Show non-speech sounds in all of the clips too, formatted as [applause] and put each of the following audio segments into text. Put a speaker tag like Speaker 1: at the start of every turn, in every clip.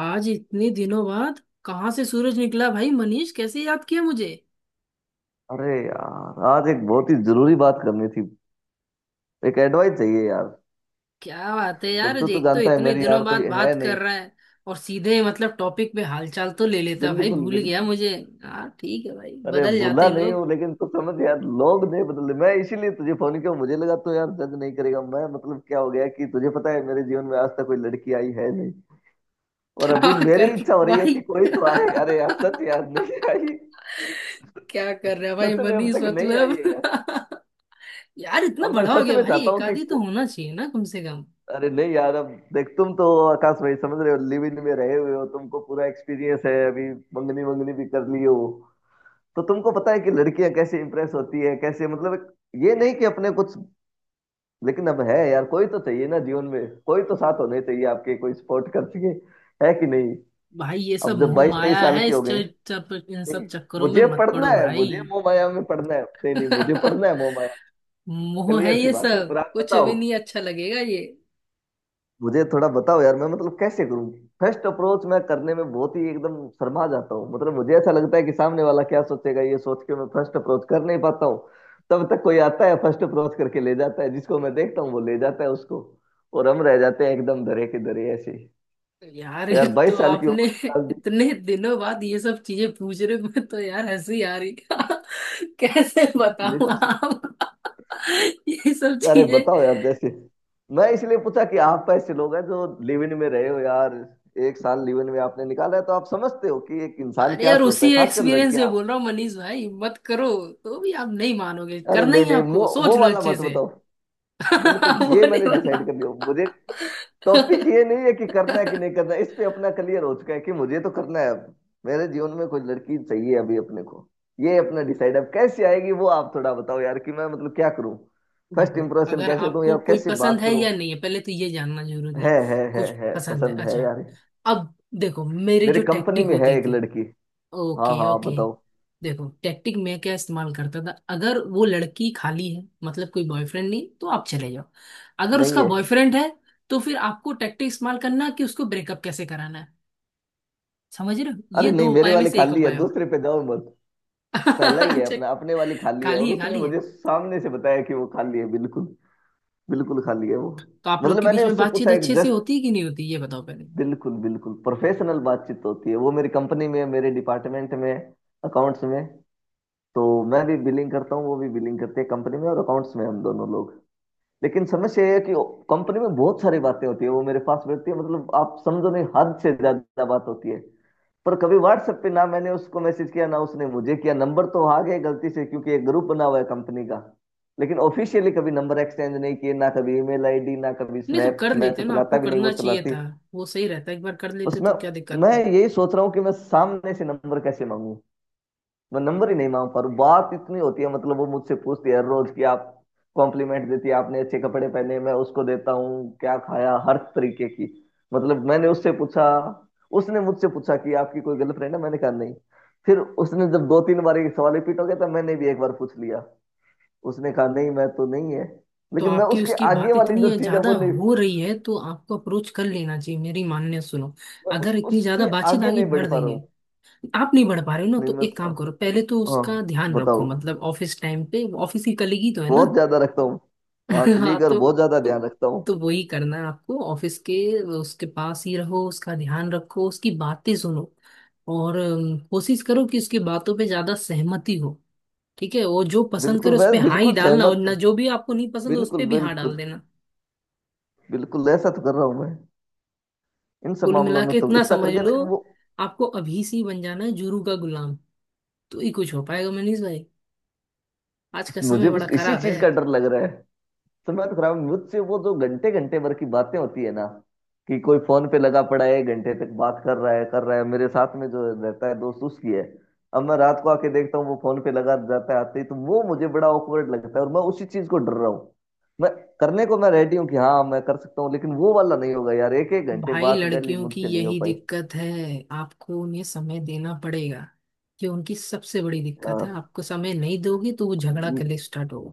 Speaker 1: आज इतने दिनों बाद कहाँ से सूरज निकला भाई मनीष, कैसे याद किया मुझे?
Speaker 2: अरे यार, आज एक बहुत ही जरूरी बात करनी थी। एक एडवाइस चाहिए यार।
Speaker 1: क्या बात है यार,
Speaker 2: देख तू तो
Speaker 1: एक तो
Speaker 2: जानता है
Speaker 1: इतने
Speaker 2: मेरी
Speaker 1: दिनों
Speaker 2: यार
Speaker 1: बाद
Speaker 2: कोई
Speaker 1: बात
Speaker 2: है नहीं।
Speaker 1: कर रहा है और सीधे टॉपिक पे। हालचाल तो ले लेता भाई,
Speaker 2: बिल्कुल
Speaker 1: भूल गया
Speaker 2: बिल्कुल।
Speaker 1: मुझे। हाँ ठीक है भाई,
Speaker 2: अरे
Speaker 1: बदल जाते
Speaker 2: भूला
Speaker 1: हैं
Speaker 2: नहीं
Speaker 1: लोग।
Speaker 2: हूँ लेकिन तू समझ यार, लोग नहीं बदले। मैं इसीलिए तुझे फोन किया, मुझे लगा तो यार जज नहीं करेगा। मैं मतलब क्या हो गया कि तुझे पता है मेरे जीवन में आज तक कोई लड़की आई है नहीं।
Speaker 1: [laughs]
Speaker 2: और अभी
Speaker 1: क्या
Speaker 2: मेरी
Speaker 1: कर
Speaker 2: इच्छा हो रही है कि
Speaker 1: भाई।
Speaker 2: कोई
Speaker 1: [laughs]
Speaker 2: तो आए। अरे यार सच यार नहीं आई।
Speaker 1: क्या कर रहा है भाई
Speaker 2: सच में अब
Speaker 1: मनीष
Speaker 2: तक नहीं आई है यार।
Speaker 1: [laughs] यार इतना
Speaker 2: अब मैं
Speaker 1: बड़ा हो
Speaker 2: सच
Speaker 1: गया
Speaker 2: में
Speaker 1: भाई,
Speaker 2: चाहता
Speaker 1: एक
Speaker 2: हूँ
Speaker 1: आधी तो होना चाहिए ना कम से
Speaker 2: अरे नहीं यार अब। देख तुम तो आकाश भाई समझ रहे हो, लिव इन में रहे हुए हो, तुमको पूरा एक्सपीरियंस है अभी। मंगनी मंगनी भी कर ली हो तो तुमको पता है कि लड़कियां कैसे इंप्रेस होती है, कैसे मतलब ये नहीं कि अपने कुछ। लेकिन अब है यार, कोई तो चाहिए ना जीवन में, कोई तो
Speaker 1: कम।
Speaker 2: साथ होने चाहिए आपके, कोई सपोर्ट कर सके। है कि नहीं।
Speaker 1: भाई ये सब
Speaker 2: अब जब
Speaker 1: मोह
Speaker 2: बाईस तेईस
Speaker 1: माया
Speaker 2: साल
Speaker 1: है।
Speaker 2: के हो गए।
Speaker 1: इन सब
Speaker 2: नहीं,
Speaker 1: चक्करों में
Speaker 2: मुझे
Speaker 1: मत
Speaker 2: पढ़ना
Speaker 1: पड़ो
Speaker 2: है, मुझे
Speaker 1: भाई।
Speaker 2: मोह माया में पढ़ना है, नहीं नहीं, मुझे
Speaker 1: [laughs]
Speaker 2: पढ़ना है मोह माया।
Speaker 1: मोह है
Speaker 2: क्लियर सी
Speaker 1: ये
Speaker 2: बात है, पर
Speaker 1: सब,
Speaker 2: आप
Speaker 1: कुछ
Speaker 2: बताओ।
Speaker 1: भी नहीं अच्छा लगेगा ये।
Speaker 2: मुझे थोड़ा बताओ यार, मैं मतलब कैसे करूं। फर्स्ट अप्रोच मैं करने में बहुत ही एकदम शर्मा जाता हूँ, मतलब मुझे ऐसा लगता है कि सामने वाला क्या सोचेगा, ये सोच के मैं फर्स्ट अप्रोच कर नहीं पाता हूँ। तब तक कोई आता है, फर्स्ट अप्रोच करके ले जाता है, जिसको मैं देखता हूँ वो ले जाता है उसको। और हम रह जाते हैं एकदम धरे के धरे ऐसे ही।
Speaker 1: यार
Speaker 2: तो यार
Speaker 1: एक तो
Speaker 2: 22 साल की
Speaker 1: आपने
Speaker 2: उम्र निकाल दी।
Speaker 1: इतने दिनों बाद ये सब चीजें पूछ रहे हो, मैं तो यार हंसी आ रही [laughs] कैसे बताऊं
Speaker 2: लिटिल।
Speaker 1: आप [laughs] ये सब
Speaker 2: अरे
Speaker 1: चीजें।
Speaker 2: बताओ यार, जैसे मैं इसलिए पूछा कि आप ऐसे लोग हैं जो लिव इन में रहे हो यार। एक साल लिव इन में आपने निकाला है, तो आप समझते हो कि एक इंसान
Speaker 1: अरे
Speaker 2: क्या
Speaker 1: यार
Speaker 2: सोचता है,
Speaker 1: उसी
Speaker 2: खासकर
Speaker 1: एक्सपीरियंस से
Speaker 2: लड़कियां।
Speaker 1: बोल रहा हूँ मनीष भाई, मत करो। तो भी आप नहीं मानोगे,
Speaker 2: अरे
Speaker 1: करना
Speaker 2: नहीं
Speaker 1: ही है
Speaker 2: नहीं,
Speaker 1: आपको,
Speaker 2: वो
Speaker 1: सोच
Speaker 2: वो
Speaker 1: लो
Speaker 2: वाला
Speaker 1: अच्छे
Speaker 2: मत
Speaker 1: से।
Speaker 2: बताओ।
Speaker 1: [laughs]
Speaker 2: बिल्कुल,
Speaker 1: वो
Speaker 2: ये
Speaker 1: नहीं
Speaker 2: मैंने
Speaker 1: बना।
Speaker 2: डिसाइड कर लिया मुझे। टॉपिक ये नहीं है कि करना है कि नहीं
Speaker 1: [laughs]
Speaker 2: करना है, इस पे अपना क्लियर हो चुका है कि मुझे तो करना है अब। मेरे जीवन में कोई लड़की चाहिए अभी अपने को, ये अपना डिसाइड। अब कैसे आएगी वो आप थोड़ा बताओ यार, कि मैं मतलब क्या करूं, फर्स्ट
Speaker 1: देखो,
Speaker 2: इंप्रेशन
Speaker 1: अगर
Speaker 2: कैसे दूं या
Speaker 1: आपको कोई
Speaker 2: कैसे
Speaker 1: पसंद
Speaker 2: बात
Speaker 1: है
Speaker 2: करूं।
Speaker 1: या नहीं है पहले तो ये जानना जरूरी है।
Speaker 2: है
Speaker 1: कुछ
Speaker 2: है
Speaker 1: पसंद है,
Speaker 2: पसंद है
Speaker 1: अच्छा।
Speaker 2: यार।
Speaker 1: अब देखो मेरी
Speaker 2: मेरे
Speaker 1: जो
Speaker 2: कंपनी
Speaker 1: टैक्टिक
Speaker 2: में है
Speaker 1: होती
Speaker 2: एक
Speaker 1: थी।
Speaker 2: लड़की। हाँ
Speaker 1: ओके
Speaker 2: हाँ आप
Speaker 1: ओके।
Speaker 2: बताओ।
Speaker 1: देखो टैक्टिक मैं क्या इस्तेमाल करता था, अगर वो लड़की खाली है मतलब कोई बॉयफ्रेंड नहीं, तो आप चले जाओ। अगर
Speaker 2: नहीं
Speaker 1: उसका
Speaker 2: है।
Speaker 1: बॉयफ्रेंड है तो फिर आपको टैक्टिक इस्तेमाल करना है कि उसको ब्रेकअप कैसे कराना है। समझ रहे हो,
Speaker 2: अरे
Speaker 1: ये दो
Speaker 2: नहीं, मेरे
Speaker 1: उपाय में
Speaker 2: वाले
Speaker 1: से एक
Speaker 2: खाली है,
Speaker 1: उपाय।
Speaker 2: दूसरे पे जाओ मत। पहला
Speaker 1: [laughs]
Speaker 2: ही है
Speaker 1: अच्छा।
Speaker 2: अपना, अपने वाली खाली है, और
Speaker 1: खाली है,
Speaker 2: उसने
Speaker 1: खाली है।
Speaker 2: मुझे सामने से बताया कि वो खाली है, बिल्कुल। बिल्कुल खाली है वो।
Speaker 1: तो आप लोग
Speaker 2: मतलब
Speaker 1: के बीच
Speaker 2: मैंने
Speaker 1: में
Speaker 2: उससे
Speaker 1: बातचीत
Speaker 2: पूछा एक
Speaker 1: अच्छे से
Speaker 2: जस्ट,
Speaker 1: होती है कि नहीं होती, ये बताओ पहले।
Speaker 2: बिल्कुल बिल्कुल प्रोफेशनल बातचीत होती है, वो मेरी कंपनी में है, मेरे डिपार्टमेंट में है, अकाउंट्स में। तो मैं भी बिलिंग करता हूँ, वो भी बिलिंग करते हैं कंपनी में, और अकाउंट्स में हम दोनों लोग। लेकिन समस्या ये है कि कंपनी में बहुत सारी बातें होती है वो मेरे पास रहती है, मतलब आप समझो नहीं, हद से ज्यादा बात होती है। पर कभी व्हाट्सएप पे ना मैंने उसको मैसेज किया ना उसने मुझे किया। नंबर तो आ गए गलती से, क्योंकि एक ग्रुप बना हुआ है कंपनी का, लेकिन ऑफिशियली कभी नंबर एक्सचेंज नहीं किए, ना कभी ईमेल आईडी, ना कभी
Speaker 1: नहीं तो
Speaker 2: स्नैप।
Speaker 1: कर
Speaker 2: मैं तो
Speaker 1: लेते ना,
Speaker 2: चलाता
Speaker 1: आपको
Speaker 2: भी नहीं, वो
Speaker 1: करना चाहिए
Speaker 2: चलाती।
Speaker 1: था। वो सही रहता, एक बार कर
Speaker 2: बस
Speaker 1: लेते
Speaker 2: मैं
Speaker 1: तो क्या दिक्कत
Speaker 2: मैं
Speaker 1: थी।
Speaker 2: यही सोच रहा हूँ कि मैं सामने से नंबर कैसे मांगू। मैं नंबर ही नहीं मांग पा रहा हूँ। बात इतनी होती है, मतलब वो मुझसे पूछती है रोज कि आप, कॉम्प्लीमेंट देती है आपने अच्छे कपड़े पहने, मैं उसको देता हूँ, क्या खाया, हर तरीके की। मतलब मैंने उससे पूछा, उसने मुझसे पूछा कि आपकी कोई गर्लफ्रेंड है, मैंने कहा नहीं। फिर उसने जब दो तीन बार ये सवाल रिपीट हो गया, तो मैंने भी एक बार पूछ लिया, उसने कहा नहीं मैं तो नहीं है।
Speaker 1: तो
Speaker 2: लेकिन मैं
Speaker 1: आपकी
Speaker 2: उसके
Speaker 1: उसकी
Speaker 2: आगे
Speaker 1: बात
Speaker 2: वाली
Speaker 1: इतनी
Speaker 2: जो चीज है
Speaker 1: ज्यादा
Speaker 2: वो नहीं।
Speaker 1: हो रही है तो आपको अप्रोच कर लेना चाहिए, मेरी मान्य सुनो।
Speaker 2: मैं बस
Speaker 1: अगर इतनी ज्यादा
Speaker 2: उससे
Speaker 1: बातचीत
Speaker 2: आगे
Speaker 1: आगे
Speaker 2: नहीं बढ़
Speaker 1: बढ़
Speaker 2: पा रहा
Speaker 1: रही है,
Speaker 2: हूँ।
Speaker 1: आप नहीं बढ़ पा रहे हो ना,
Speaker 2: नहीं
Speaker 1: तो एक
Speaker 2: बस।
Speaker 1: काम करो। पहले तो
Speaker 2: हाँ
Speaker 1: उसका ध्यान रखो,
Speaker 2: बताओ।
Speaker 1: मतलब ऑफिस टाइम पे ऑफिस की कलीग ही तो है ना।
Speaker 2: बहुत ज्यादा रखता हूँ। हाँ
Speaker 1: [laughs] हाँ
Speaker 2: क्लिक, और
Speaker 1: तो
Speaker 2: बहुत ज्यादा
Speaker 1: तो
Speaker 2: ध्यान रखता
Speaker 1: तो
Speaker 2: हूँ।
Speaker 1: वही करना है आपको ऑफिस के, उसके पास ही रहो, उसका ध्यान रखो, उसकी बातें सुनो। और कोशिश करो कि उसकी बातों पे ज्यादा सहमति हो। ठीक है, वो जो पसंद करे
Speaker 2: बिल्कुल,
Speaker 1: उस
Speaker 2: मैं
Speaker 1: पे हाँ ही
Speaker 2: बिल्कुल
Speaker 1: डालना, और
Speaker 2: सहमत।
Speaker 1: ना जो भी आपको नहीं पसंद उस
Speaker 2: बिल्कुल
Speaker 1: पे भी हाँ डाल
Speaker 2: बिल्कुल।
Speaker 1: देना।
Speaker 2: बिल्कुल ऐसा तो कर रहा हूं मैं। इन सब
Speaker 1: कुल
Speaker 2: मामलों
Speaker 1: मिला
Speaker 2: में
Speaker 1: के
Speaker 2: तो
Speaker 1: इतना
Speaker 2: इतना कर
Speaker 1: समझ
Speaker 2: गया,
Speaker 1: लो,
Speaker 2: लेकिन वो।
Speaker 1: आपको अभी से ही बन जाना है जुरू का गुलाम, तो ही कुछ हो पाएगा मनीष भाई। आज का समय
Speaker 2: मुझे
Speaker 1: बड़ा
Speaker 2: बस इसी
Speaker 1: खराब है।
Speaker 2: चीज का डर लग रहा है। समय तो खराब है। मुझसे वो जो घंटे घंटे भर की बातें होती है ना, कि कोई फोन पे लगा पड़ा है घंटे तक बात कर रहा है, कर रहा है। मेरे साथ में जो रहता है दोस्त, उसकी है। अब मैं रात को आके देखता हूँ, वो फोन पे लगा जाता है आते ही, तो वो मुझे बड़ा ऑकवर्ड लगता है, और मैं उसी चीज को डर रहा हूँ। मैं करने को मैं रेडी हूँ कि हाँ मैं कर सकता हूँ, लेकिन वो वाला नहीं होगा यार, एक एक घंटे
Speaker 1: भाई
Speaker 2: बात डेली
Speaker 1: लड़कियों की
Speaker 2: मुझसे नहीं हो
Speaker 1: यही
Speaker 2: पाई।
Speaker 1: दिक्कत है, आपको उन्हें समय देना पड़ेगा। ये उनकी सबसे बड़ी दिक्कत है,
Speaker 2: आ,
Speaker 1: आपको समय नहीं दोगे तो वो झगड़ा
Speaker 2: न-
Speaker 1: करने स्टार्ट होगा।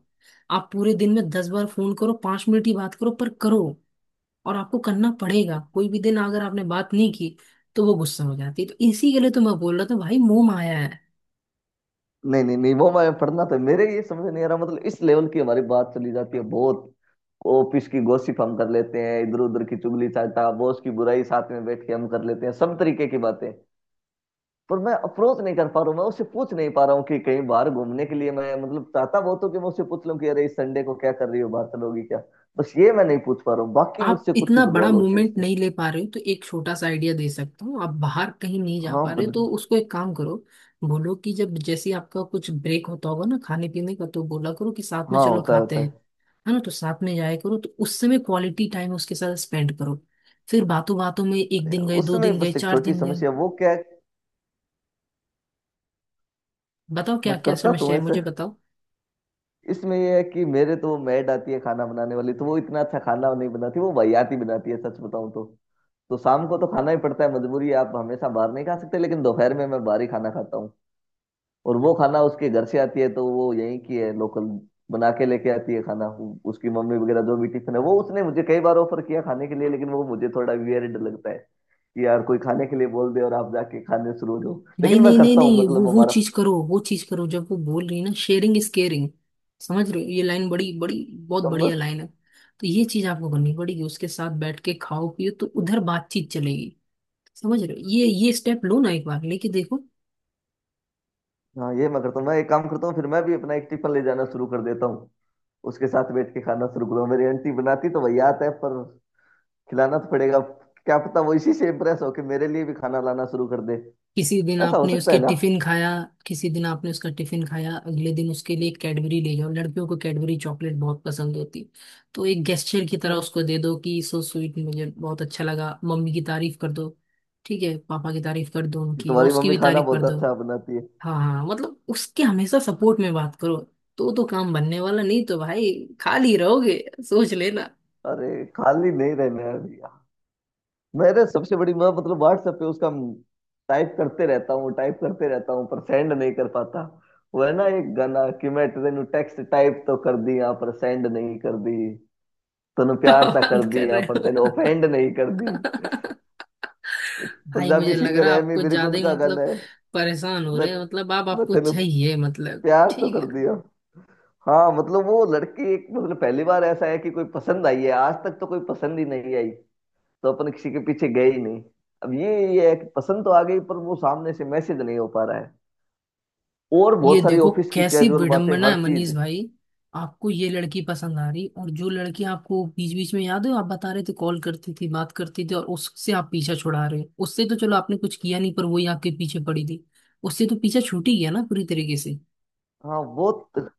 Speaker 1: आप पूरे दिन में 10 बार फोन करो, 5 मिनट ही बात करो पर करो। और आपको करना पड़ेगा, कोई भी दिन अगर आपने बात नहीं की तो वो गुस्सा हो जाती है। तो इसी के लिए तो मैं बोल रहा था भाई मोह माया है।
Speaker 2: नहीं नहीं नहीं, वो मैं पढ़ना, तो मेरे ये समझ नहीं आ रहा मतलब। इस लेवल की हमारी बात चली जाती है बहुत, ऑफिस की गॉसिप हम कर लेते हैं, इधर उधर की चुगली चाटा, बॉस की बुराई साथ में बैठ के हम कर लेते हैं सब तरीके की बातें। पर मैं अप्रोच नहीं कर पा रहा हूँ, मैं उससे पूछ नहीं पा रहा हूँ कि कहीं बाहर घूमने के लिए, मैं मतलब चाहता बहुत हूँ कि मैं उससे पूछ लूँ कि अरे इस संडे को क्या कर रही हो, बाहर चलोगी क्या। बस ये मैं नहीं पूछ पा रहा हूँ, बाकी
Speaker 1: आप
Speaker 2: मुझसे कुछ ही
Speaker 1: इतना
Speaker 2: बुलवा
Speaker 1: बड़ा
Speaker 2: लो, होती है
Speaker 1: मूवमेंट
Speaker 2: उससे।
Speaker 1: नहीं ले पा रहे हो तो एक छोटा सा आइडिया दे सकता हूँ। आप बाहर कहीं नहीं जा
Speaker 2: हाँ
Speaker 1: पा रहे हो, तो
Speaker 2: बिल्कुल।
Speaker 1: उसको एक काम करो, बोलो कि जब जैसे ही आपका कुछ ब्रेक होता होगा ना खाने पीने का, तो बोला करो कि साथ में
Speaker 2: हाँ
Speaker 1: चलो
Speaker 2: होता है
Speaker 1: खाते
Speaker 2: होता
Speaker 1: हैं।
Speaker 2: है।
Speaker 1: है ना, तो साथ में जाया करो, तो उस समय क्वालिटी टाइम उसके साथ स्पेंड करो। फिर बातों बातों में एक
Speaker 2: अरे यार,
Speaker 1: दिन गए, दो
Speaker 2: उसमें
Speaker 1: दिन गए,
Speaker 2: बस एक
Speaker 1: चार
Speaker 2: छोटी
Speaker 1: दिन गए।
Speaker 2: समस्या। वो क्या है,
Speaker 1: बताओ क्या
Speaker 2: मैं
Speaker 1: क्या
Speaker 2: करता तो
Speaker 1: समस्या
Speaker 2: हूँ
Speaker 1: है,
Speaker 2: ऐसे,
Speaker 1: मुझे बताओ।
Speaker 2: इसमें ये है कि मेरे तो वो मैड आती है खाना बनाने वाली, तो वो इतना अच्छा खाना नहीं बनाती, वो वाहियात ही बनाती है सच बताऊं तो। तो शाम को तो खाना ही पड़ता है मजबूरी है, आप हमेशा बाहर नहीं खा सकते, लेकिन दोपहर में मैं बाहर ही खाना खाता हूँ। और वो खाना उसके घर से आती है, तो वो यहीं की है लोकल, बना के लेके आती है खाना। उसकी मम्मी वगैरह, जो भी टिफिन है, वो उसने मुझे कई बार ऑफर किया खाने के लिए, लेकिन वो मुझे थोड़ा वियर्ड लगता है कि यार कोई खाने के लिए बोल दे और आप जाके खाने शुरू हो जाओ।
Speaker 1: नहीं
Speaker 2: लेकिन मैं
Speaker 1: नहीं नहीं
Speaker 2: करता हूँ
Speaker 1: नहीं वो
Speaker 2: मतलब।
Speaker 1: वो चीज करो, वो चीज करो। जब वो बोल रही है ना शेयरिंग इज केयरिंग, समझ रहे हो ये लाइन, बड़ी बड़ी बहुत बढ़िया
Speaker 2: हमारा।
Speaker 1: लाइन है। तो ये चीज आपको करनी पड़ेगी, उसके साथ बैठ के खाओ पियो, तो उधर बातचीत चलेगी। समझ रहे हो, ये स्टेप लो ना, एक बार लेके देखो।
Speaker 2: हाँ ये मैं करता हूँ, मैं एक काम करता हूँ, फिर मैं भी अपना एक टिफिन ले जाना शुरू कर देता हूँ, उसके साथ बैठ के खाना शुरू करूँ। मेरी आंटी बनाती तो वही आता है, पर खिलाना तो पड़ेगा। क्या पता वो इसी से इम्प्रेस होके मेरे लिए भी खाना लाना शुरू कर दे,
Speaker 1: किसी दिन
Speaker 2: ऐसा हो
Speaker 1: आपने
Speaker 2: सकता
Speaker 1: उसके
Speaker 2: है ना।
Speaker 1: टिफिन खाया, किसी दिन आपने उसका टिफिन खाया, अगले दिन उसके लिए कैडबरी ले जाओ। लड़कियों को कैडबरी चॉकलेट बहुत पसंद होती। तो एक गेस्चर की तरह
Speaker 2: तुम्हें
Speaker 1: उसको दे दो कि सो स्वीट, मुझे बहुत अच्छा लगा। मम्मी की तारीफ कर दो, ठीक है, पापा की तारीफ कर दो
Speaker 2: कि
Speaker 1: उनकी, और
Speaker 2: तुम्हारी
Speaker 1: उसकी
Speaker 2: मम्मी
Speaker 1: भी
Speaker 2: खाना
Speaker 1: तारीफ कर
Speaker 2: बहुत
Speaker 1: दो।
Speaker 2: अच्छा बनाती है।
Speaker 1: हाँ हाँ हाँ, मतलब उसके हमेशा सपोर्ट में बात करो, तो काम बनने वाला नहीं तो भाई खाली रहोगे, सोच लेना।
Speaker 2: अरे खाली नहीं रहना है भैया। मेरे सबसे बड़ी मैं मतलब व्हाट्सएप पे उसका, टाइप करते रहता हूँ टाइप करते रहता हूँ पर सेंड नहीं कर पाता। वो है ना एक गाना कि मैं तेनू टेक्स्ट टाइप तो कर दी यहाँ, पर सेंड नहीं कर दी, तूने
Speaker 1: [laughs]
Speaker 2: प्यार ता कर
Speaker 1: बंद कर
Speaker 2: दिया
Speaker 1: रहे
Speaker 2: पर तूने
Speaker 1: हो
Speaker 2: ऑफेंड नहीं कर दी। एक
Speaker 1: भाई,
Speaker 2: पंजाबी
Speaker 1: मुझे लग
Speaker 2: सिंगर
Speaker 1: रहा है
Speaker 2: है
Speaker 1: आप
Speaker 2: एमी
Speaker 1: कुछ
Speaker 2: विर्क,
Speaker 1: ज्यादा ही
Speaker 2: उनका गाना है।
Speaker 1: परेशान हो
Speaker 2: मैं,
Speaker 1: रहे हैं। मतलब आप, आपको
Speaker 2: तूने
Speaker 1: चाहिए मतलब
Speaker 2: प्यार तो
Speaker 1: ठीक
Speaker 2: कर
Speaker 1: है।
Speaker 2: दिया। हाँ मतलब वो लड़की, एक मतलब पहली बार ऐसा है कि कोई पसंद आई है, आज तक तो कोई पसंद ही नहीं आई, तो अपन किसी के पीछे गए ही नहीं। अब ये है कि पसंद तो आ गई पर वो सामने से मैसेज नहीं हो पा रहा है, और
Speaker 1: ये
Speaker 2: बहुत सारी
Speaker 1: देखो
Speaker 2: ऑफिस की
Speaker 1: कैसी
Speaker 2: कैजुअल बातें,
Speaker 1: विडंबना
Speaker 2: हर
Speaker 1: है मनीष
Speaker 2: चीज।
Speaker 1: भाई, आपको ये लड़की पसंद आ रही, और जो लड़की आपको बीच बीच में याद है, आप बता रहे थे कॉल करती थी बात करती थी, और उससे आप पीछा छुड़ा रहे हो। उससे तो चलो आपने कुछ किया नहीं, पर वही आपके पीछे पड़ी थी। उससे तो पीछा छूट ही गया ना पूरी तरीके से।
Speaker 2: हाँ बहुत।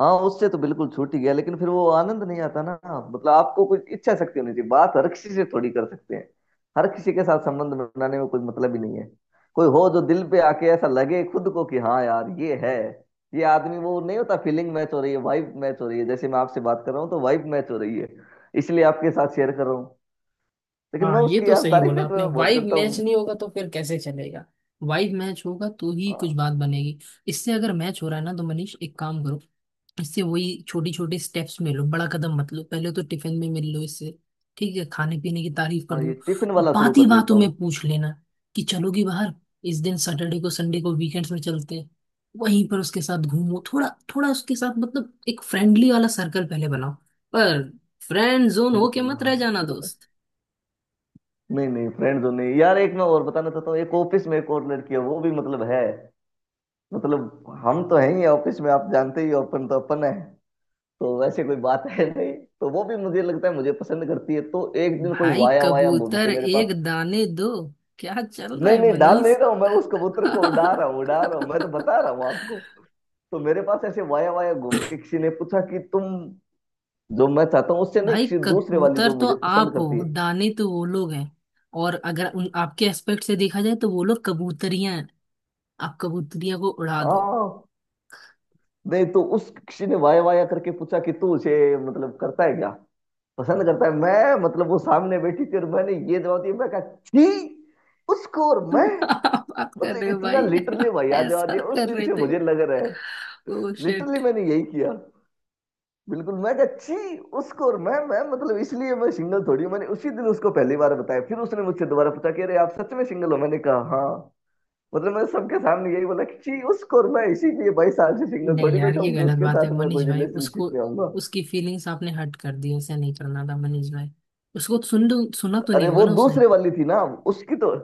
Speaker 2: हाँ उससे तो बिल्कुल छूट ही गया, लेकिन फिर वो आनंद नहीं आता ना। मतलब आपको कुछ इच्छा शक्ति होनी चाहिए, बात हर किसी से थोड़ी कर सकते हैं, हर किसी के साथ संबंध बनाने में कोई मतलब ही नहीं है। कोई हो जो दिल पे आके ऐसा लगे खुद को कि हाँ यार ये है, ये आदमी। वो नहीं होता, फीलिंग मैच हो रही है, वाइब मैच हो रही है, जैसे मैं आपसे बात कर रहा हूँ तो वाइब मैच हो रही है, इसलिए आपके साथ शेयर कर रहा हूँ। लेकिन मैं
Speaker 1: हाँ, ये
Speaker 2: उसकी
Speaker 1: तो
Speaker 2: यार
Speaker 1: सही
Speaker 2: तारीफ है
Speaker 1: बोला
Speaker 2: तो
Speaker 1: आपने,
Speaker 2: मैं बहुत
Speaker 1: वाइब
Speaker 2: करता
Speaker 1: मैच
Speaker 2: हूँ।
Speaker 1: नहीं होगा तो फिर कैसे चलेगा। वाइब मैच होगा तो ही कुछ
Speaker 2: हाँ
Speaker 1: बात बनेगी। इससे अगर मैच हो रहा है ना तो मनीष एक काम करो, इससे वही छोटी छोटी स्टेप्स में लो, बड़ा कदम मत लो। पहले तो टिफिन में मिल लो इससे, ठीक है, खाने पीने की तारीफ कर
Speaker 2: हाँ, ये
Speaker 1: लो।
Speaker 2: टिफिन
Speaker 1: और
Speaker 2: वाला शुरू
Speaker 1: बात ही
Speaker 2: कर लेता
Speaker 1: बातों में
Speaker 2: हूँ।
Speaker 1: पूछ लेना कि चलोगी बाहर, इस दिन सैटरडे को, संडे को, वीकेंड्स में चलते हैं। वहीं पर उसके साथ घूमो थोड़ा, थोड़ा उसके साथ मतलब एक फ्रेंडली वाला सर्कल पहले बनाओ। पर फ्रेंड जोन होके
Speaker 2: बिल्कुल
Speaker 1: मत
Speaker 2: हाँ।
Speaker 1: रह जाना दोस्त।
Speaker 2: नहीं नहीं फ्रेंड जोन नहीं यार, एक मैं और बताना चाहता हूँ, एक ऑफिस में एक और लड़की है वो भी मतलब है। मतलब हम तो हैं ही ऑफिस में, आप जानते ही हो, अपन तो अपन है। तो वैसे कोई बात है नहीं। तो वो भी मुझे लगता है मुझे पसंद करती है, तो एक दिन कोई
Speaker 1: भाई
Speaker 2: वाया वाया घूम
Speaker 1: कबूतर
Speaker 2: के मेरे
Speaker 1: एक
Speaker 2: पास,
Speaker 1: दाने दो, क्या चल रहा
Speaker 2: नहीं
Speaker 1: है
Speaker 2: नहीं डाल नहीं
Speaker 1: मनीष?
Speaker 2: रहा हूँ मैं, उस कबूतर को
Speaker 1: [laughs]
Speaker 2: उड़ा रहा हूँ मैं, तो बता रहा हूँ आपको। तो मेरे पास ऐसे वाया वाया घूम के किसी ने पूछा कि तुम, जो मैं चाहता हूँ उससे नहीं,
Speaker 1: भाई
Speaker 2: किसी दूसरे वाली
Speaker 1: कबूतर
Speaker 2: जो
Speaker 1: तो
Speaker 2: मुझे पसंद
Speaker 1: आप हो,
Speaker 2: करती है।
Speaker 1: दाने तो वो लोग हैं। और अगर उन आपके एस्पेक्ट से देखा जाए तो वो लोग कबूतरियां हैं, आप कबूतरियां को उड़ा दो।
Speaker 2: हाँ नहीं। तो उस किसी ने वाया वाया करके पूछा कि तू उसे मतलब करता है क्या, पसंद करता है। मैं मतलब वो सामने बैठी थी और मैंने ये जवाब दिया। मैं कहा छी उसको, और मैं
Speaker 1: [laughs] आप बात कर
Speaker 2: मतलब
Speaker 1: रहे हो
Speaker 2: इतना
Speaker 1: भाई।
Speaker 2: लिटरली
Speaker 1: [laughs]
Speaker 2: वाया जवाब
Speaker 1: ऐसा
Speaker 2: दिया। उस
Speaker 1: कर
Speaker 2: दिन
Speaker 1: रहे
Speaker 2: से
Speaker 1: थे?
Speaker 2: मुझे लग रहा है
Speaker 1: ओ शिट।
Speaker 2: लिटरली मैंने यही किया। बिल्कुल मैं कहा छी उसको और मैं मतलब इसलिए मैं सिंगल थोड़ी हूँ। मैंने उसी दिन उसको पहली बार बताया। फिर उसने मुझसे दोबारा पूछा कि अरे आप सच में सिंगल हो? मैंने कहा हाँ। मतलब मैं सबके सामने यही बोला कि छी उसको, और मैं इसीलिए बाईस साल से सिंगल
Speaker 1: नहीं
Speaker 2: थोड़ी
Speaker 1: यार
Speaker 2: बैठा
Speaker 1: ये
Speaker 2: हूँ कि
Speaker 1: गलत
Speaker 2: उसके
Speaker 1: बात है
Speaker 2: साथ मैं कोई
Speaker 1: मनीष भाई, उसको,
Speaker 2: रिलेशनशिप में आऊंगा।
Speaker 1: उसकी फीलिंग्स आपने हर्ट कर दी, ऐसा नहीं करना था मनीष भाई। उसको सुन, सुना तो नहीं
Speaker 2: अरे
Speaker 1: होगा
Speaker 2: वो
Speaker 1: ना उसने?
Speaker 2: दूसरे वाली थी ना, उसकी तो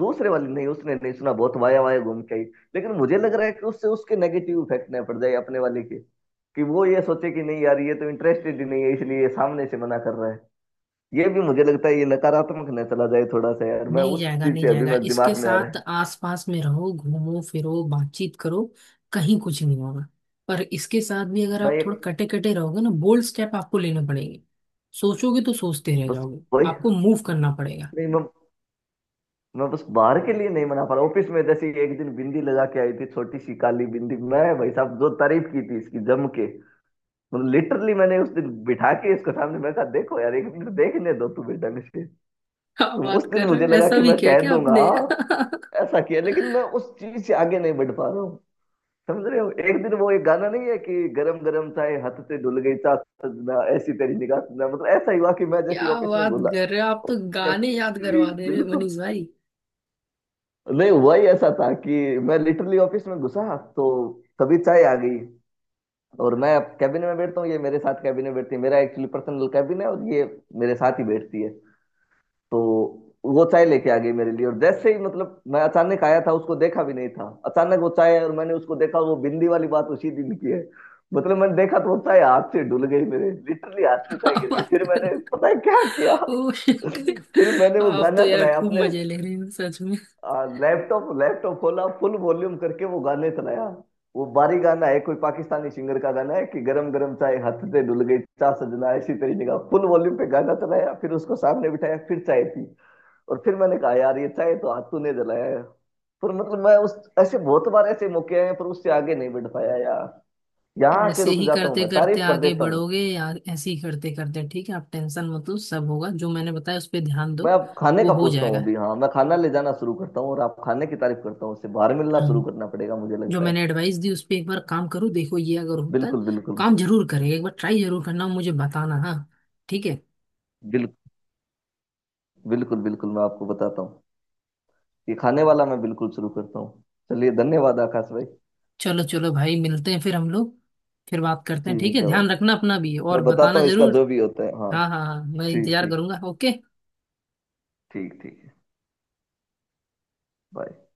Speaker 2: दूसरे वाली नहीं, उसने नहीं सुना, बहुत वाया वाया घूम के आई। लेकिन मुझे लग रहा है कि उससे उसके नेगेटिव इफेक्ट ना पड़ जाए अपने वाले के। कि वो ये सोचे कि नहीं यार ये तो इंटरेस्टेड ही नहीं है, इसलिए ये सामने से मना कर रहा है। ये भी मुझे लगता है, ये नकारात्मक न चला जाए थोड़ा सा यार। मैं
Speaker 1: नहीं
Speaker 2: उस
Speaker 1: जाएगा,
Speaker 2: चीज
Speaker 1: नहीं
Speaker 2: से अभी
Speaker 1: जाएगा।
Speaker 2: मैं
Speaker 1: इसके
Speaker 2: दिमाग में आ रहा
Speaker 1: साथ
Speaker 2: है।
Speaker 1: आसपास में रहो, घूमो फिरो, बातचीत करो, कहीं कुछ नहीं होगा। पर इसके साथ भी अगर
Speaker 2: मैं
Speaker 1: आप थोड़ा
Speaker 2: एक
Speaker 1: कटे कटे रहोगे ना, बोल्ड स्टेप आपको लेने पड़ेंगे। सोचोगे तो सोचते रह
Speaker 2: बस
Speaker 1: जाओगे,
Speaker 2: वही।
Speaker 1: आपको मूव करना पड़ेगा।
Speaker 2: नहीं
Speaker 1: [laughs]
Speaker 2: मैं मैं बस बाहर के लिए नहीं मना पा रहा। ऑफिस में जैसे एक दिन बिंदी लगा के आई थी, छोटी सी काली बिंदी, मैं भाई साहब जो तारीफ की थी इसकी जम के। मतलब लिटरली मैंने उस दिन बिठा के इसको सामने, मैं कहा देखो यार एक मिनट देखने दो तुम्हें ढंग से
Speaker 1: क्या
Speaker 2: तुम उस
Speaker 1: बात
Speaker 2: दिन
Speaker 1: कर रहे
Speaker 2: मुझे
Speaker 1: हो,
Speaker 2: लगा
Speaker 1: ऐसा
Speaker 2: कि
Speaker 1: भी
Speaker 2: मैं
Speaker 1: किया
Speaker 2: कह
Speaker 1: क्या
Speaker 2: दूंगा
Speaker 1: आपने?
Speaker 2: हाँ।
Speaker 1: [laughs]
Speaker 2: ऐसा किया, लेकिन मैं उस चीज से आगे नहीं बढ़ पा रहा हूँ, समझ रहे हो। एक दिन वो एक गाना नहीं है कि गरम गरम चाय हाथ से धुल गई चाह सजना, ऐसी तेरी निगाह सजना। मतलब ऐसा ही हुआ कि मैं
Speaker 1: क्या
Speaker 2: जैसे ऑफिस में
Speaker 1: बात
Speaker 2: घुला,
Speaker 1: कर रहे हो, आप तो
Speaker 2: ऑफिस के
Speaker 1: गाने
Speaker 2: अंदर
Speaker 1: याद
Speaker 2: ही।
Speaker 1: करवा दे रहे हो
Speaker 2: बिल्कुल,
Speaker 1: मनीष भाई।
Speaker 2: नहीं हुआ ही ऐसा था कि मैं लिटरली ऑफिस में घुसा तो तभी चाय आ गई। और मैं अब कैबिन में बैठता हूँ, ये मेरे साथ कैबिन में बैठती है, मेरा एक्चुअली पर्सनल कैबिन है और ये मेरे साथ ही बैठती है। तो वो चाय लेके आ गई मेरे लिए, और जैसे ही मतलब मैं अचानक आया था, उसको देखा भी नहीं था, अचानक वो चाय और मैंने उसको देखा। वो बिंदी वाली बात उसी दिन की है। मतलब मैंने देखा तो वो चाय हाथ से डुल गई मेरे, लिटरली हाथ
Speaker 1: [laughs]
Speaker 2: से
Speaker 1: क्या
Speaker 2: चाय गिर गई।
Speaker 1: बात
Speaker 2: फिर
Speaker 1: कर रहे
Speaker 2: मैंने
Speaker 1: हो।
Speaker 2: पता है क्या किया?
Speaker 1: ओह
Speaker 2: [laughs]
Speaker 1: शिट,
Speaker 2: फिर मैंने वो
Speaker 1: आप तो
Speaker 2: गाना
Speaker 1: यार
Speaker 2: चलाया
Speaker 1: खूब
Speaker 2: अपने
Speaker 1: मजे ले रहे हो सच में।
Speaker 2: लैपटॉप लैपटॉप खोला, फुल वॉल्यूम करके वो गाने सुनाया। वो बारी गाना है, कोई पाकिस्तानी सिंगर का गाना है कि गरम गरम चाय हाथ से डुल गई चा सजना, इसी तरीके का। फुल वॉल्यूम पे गाना चलाया, फिर उसको सामने बिठाया, फिर चाय पी। और फिर मैंने कहा यार ये चाय तो हाथ तूने जलाया है। पर मतलब मैं उस ऐसे बहुत बार ऐसे मौके आए हैं, पर उससे आगे नहीं बढ़ पाया यार। यहाँ आके
Speaker 1: ऐसे
Speaker 2: रुक
Speaker 1: ही
Speaker 2: जाता हूँ,
Speaker 1: करते
Speaker 2: मैं
Speaker 1: करते
Speaker 2: तारीफ कर
Speaker 1: आगे
Speaker 2: देता हूँ।
Speaker 1: बढ़ोगे या ऐसे ही करते करते, ठीक है आप टेंशन मत लो, सब होगा। जो मैंने बताया उस पर ध्यान दो,
Speaker 2: मैं अब खाने
Speaker 1: वो
Speaker 2: का
Speaker 1: हो
Speaker 2: पूछता हूँ
Speaker 1: जाएगा।
Speaker 2: अभी, हाँ मैं खाना ले जाना शुरू करता हूँ और आप खाने की तारीफ करता हूँ। उससे बाहर मिलना शुरू
Speaker 1: हम्म।
Speaker 2: करना पड़ेगा मुझे
Speaker 1: जो
Speaker 2: लगता है।
Speaker 1: मैंने एडवाइस दी उस पर एक बार काम करो, देखो ये अगर होता है,
Speaker 2: बिल्कुल बिल्कुल।
Speaker 1: काम जरूर करेगा। एक बार ट्राई जरूर करना, मुझे बताना हाँ, ठीक है?
Speaker 2: बिल, बिल्कुल बिल्कुल, मैं आपको बताता हूँ। ये खाने वाला मैं बिल्कुल शुरू करता हूँ। चलिए, धन्यवाद आकाश भाई।
Speaker 1: चलो चलो भाई, मिलते हैं फिर हम लोग, फिर बात करते हैं, ठीक
Speaker 2: ठीक
Speaker 1: है।
Speaker 2: है भाई,
Speaker 1: ध्यान रखना अपना भी, और
Speaker 2: मैं बताता
Speaker 1: बताना
Speaker 2: हूँ इसका
Speaker 1: जरूर।
Speaker 2: जो भी होता है, हाँ।
Speaker 1: हाँ हाँ हाँ, मैं
Speaker 2: ठीक
Speaker 1: इंतजार
Speaker 2: ठीक,
Speaker 1: करूंगा, ओके।
Speaker 2: ठीक ठीक है। बाय।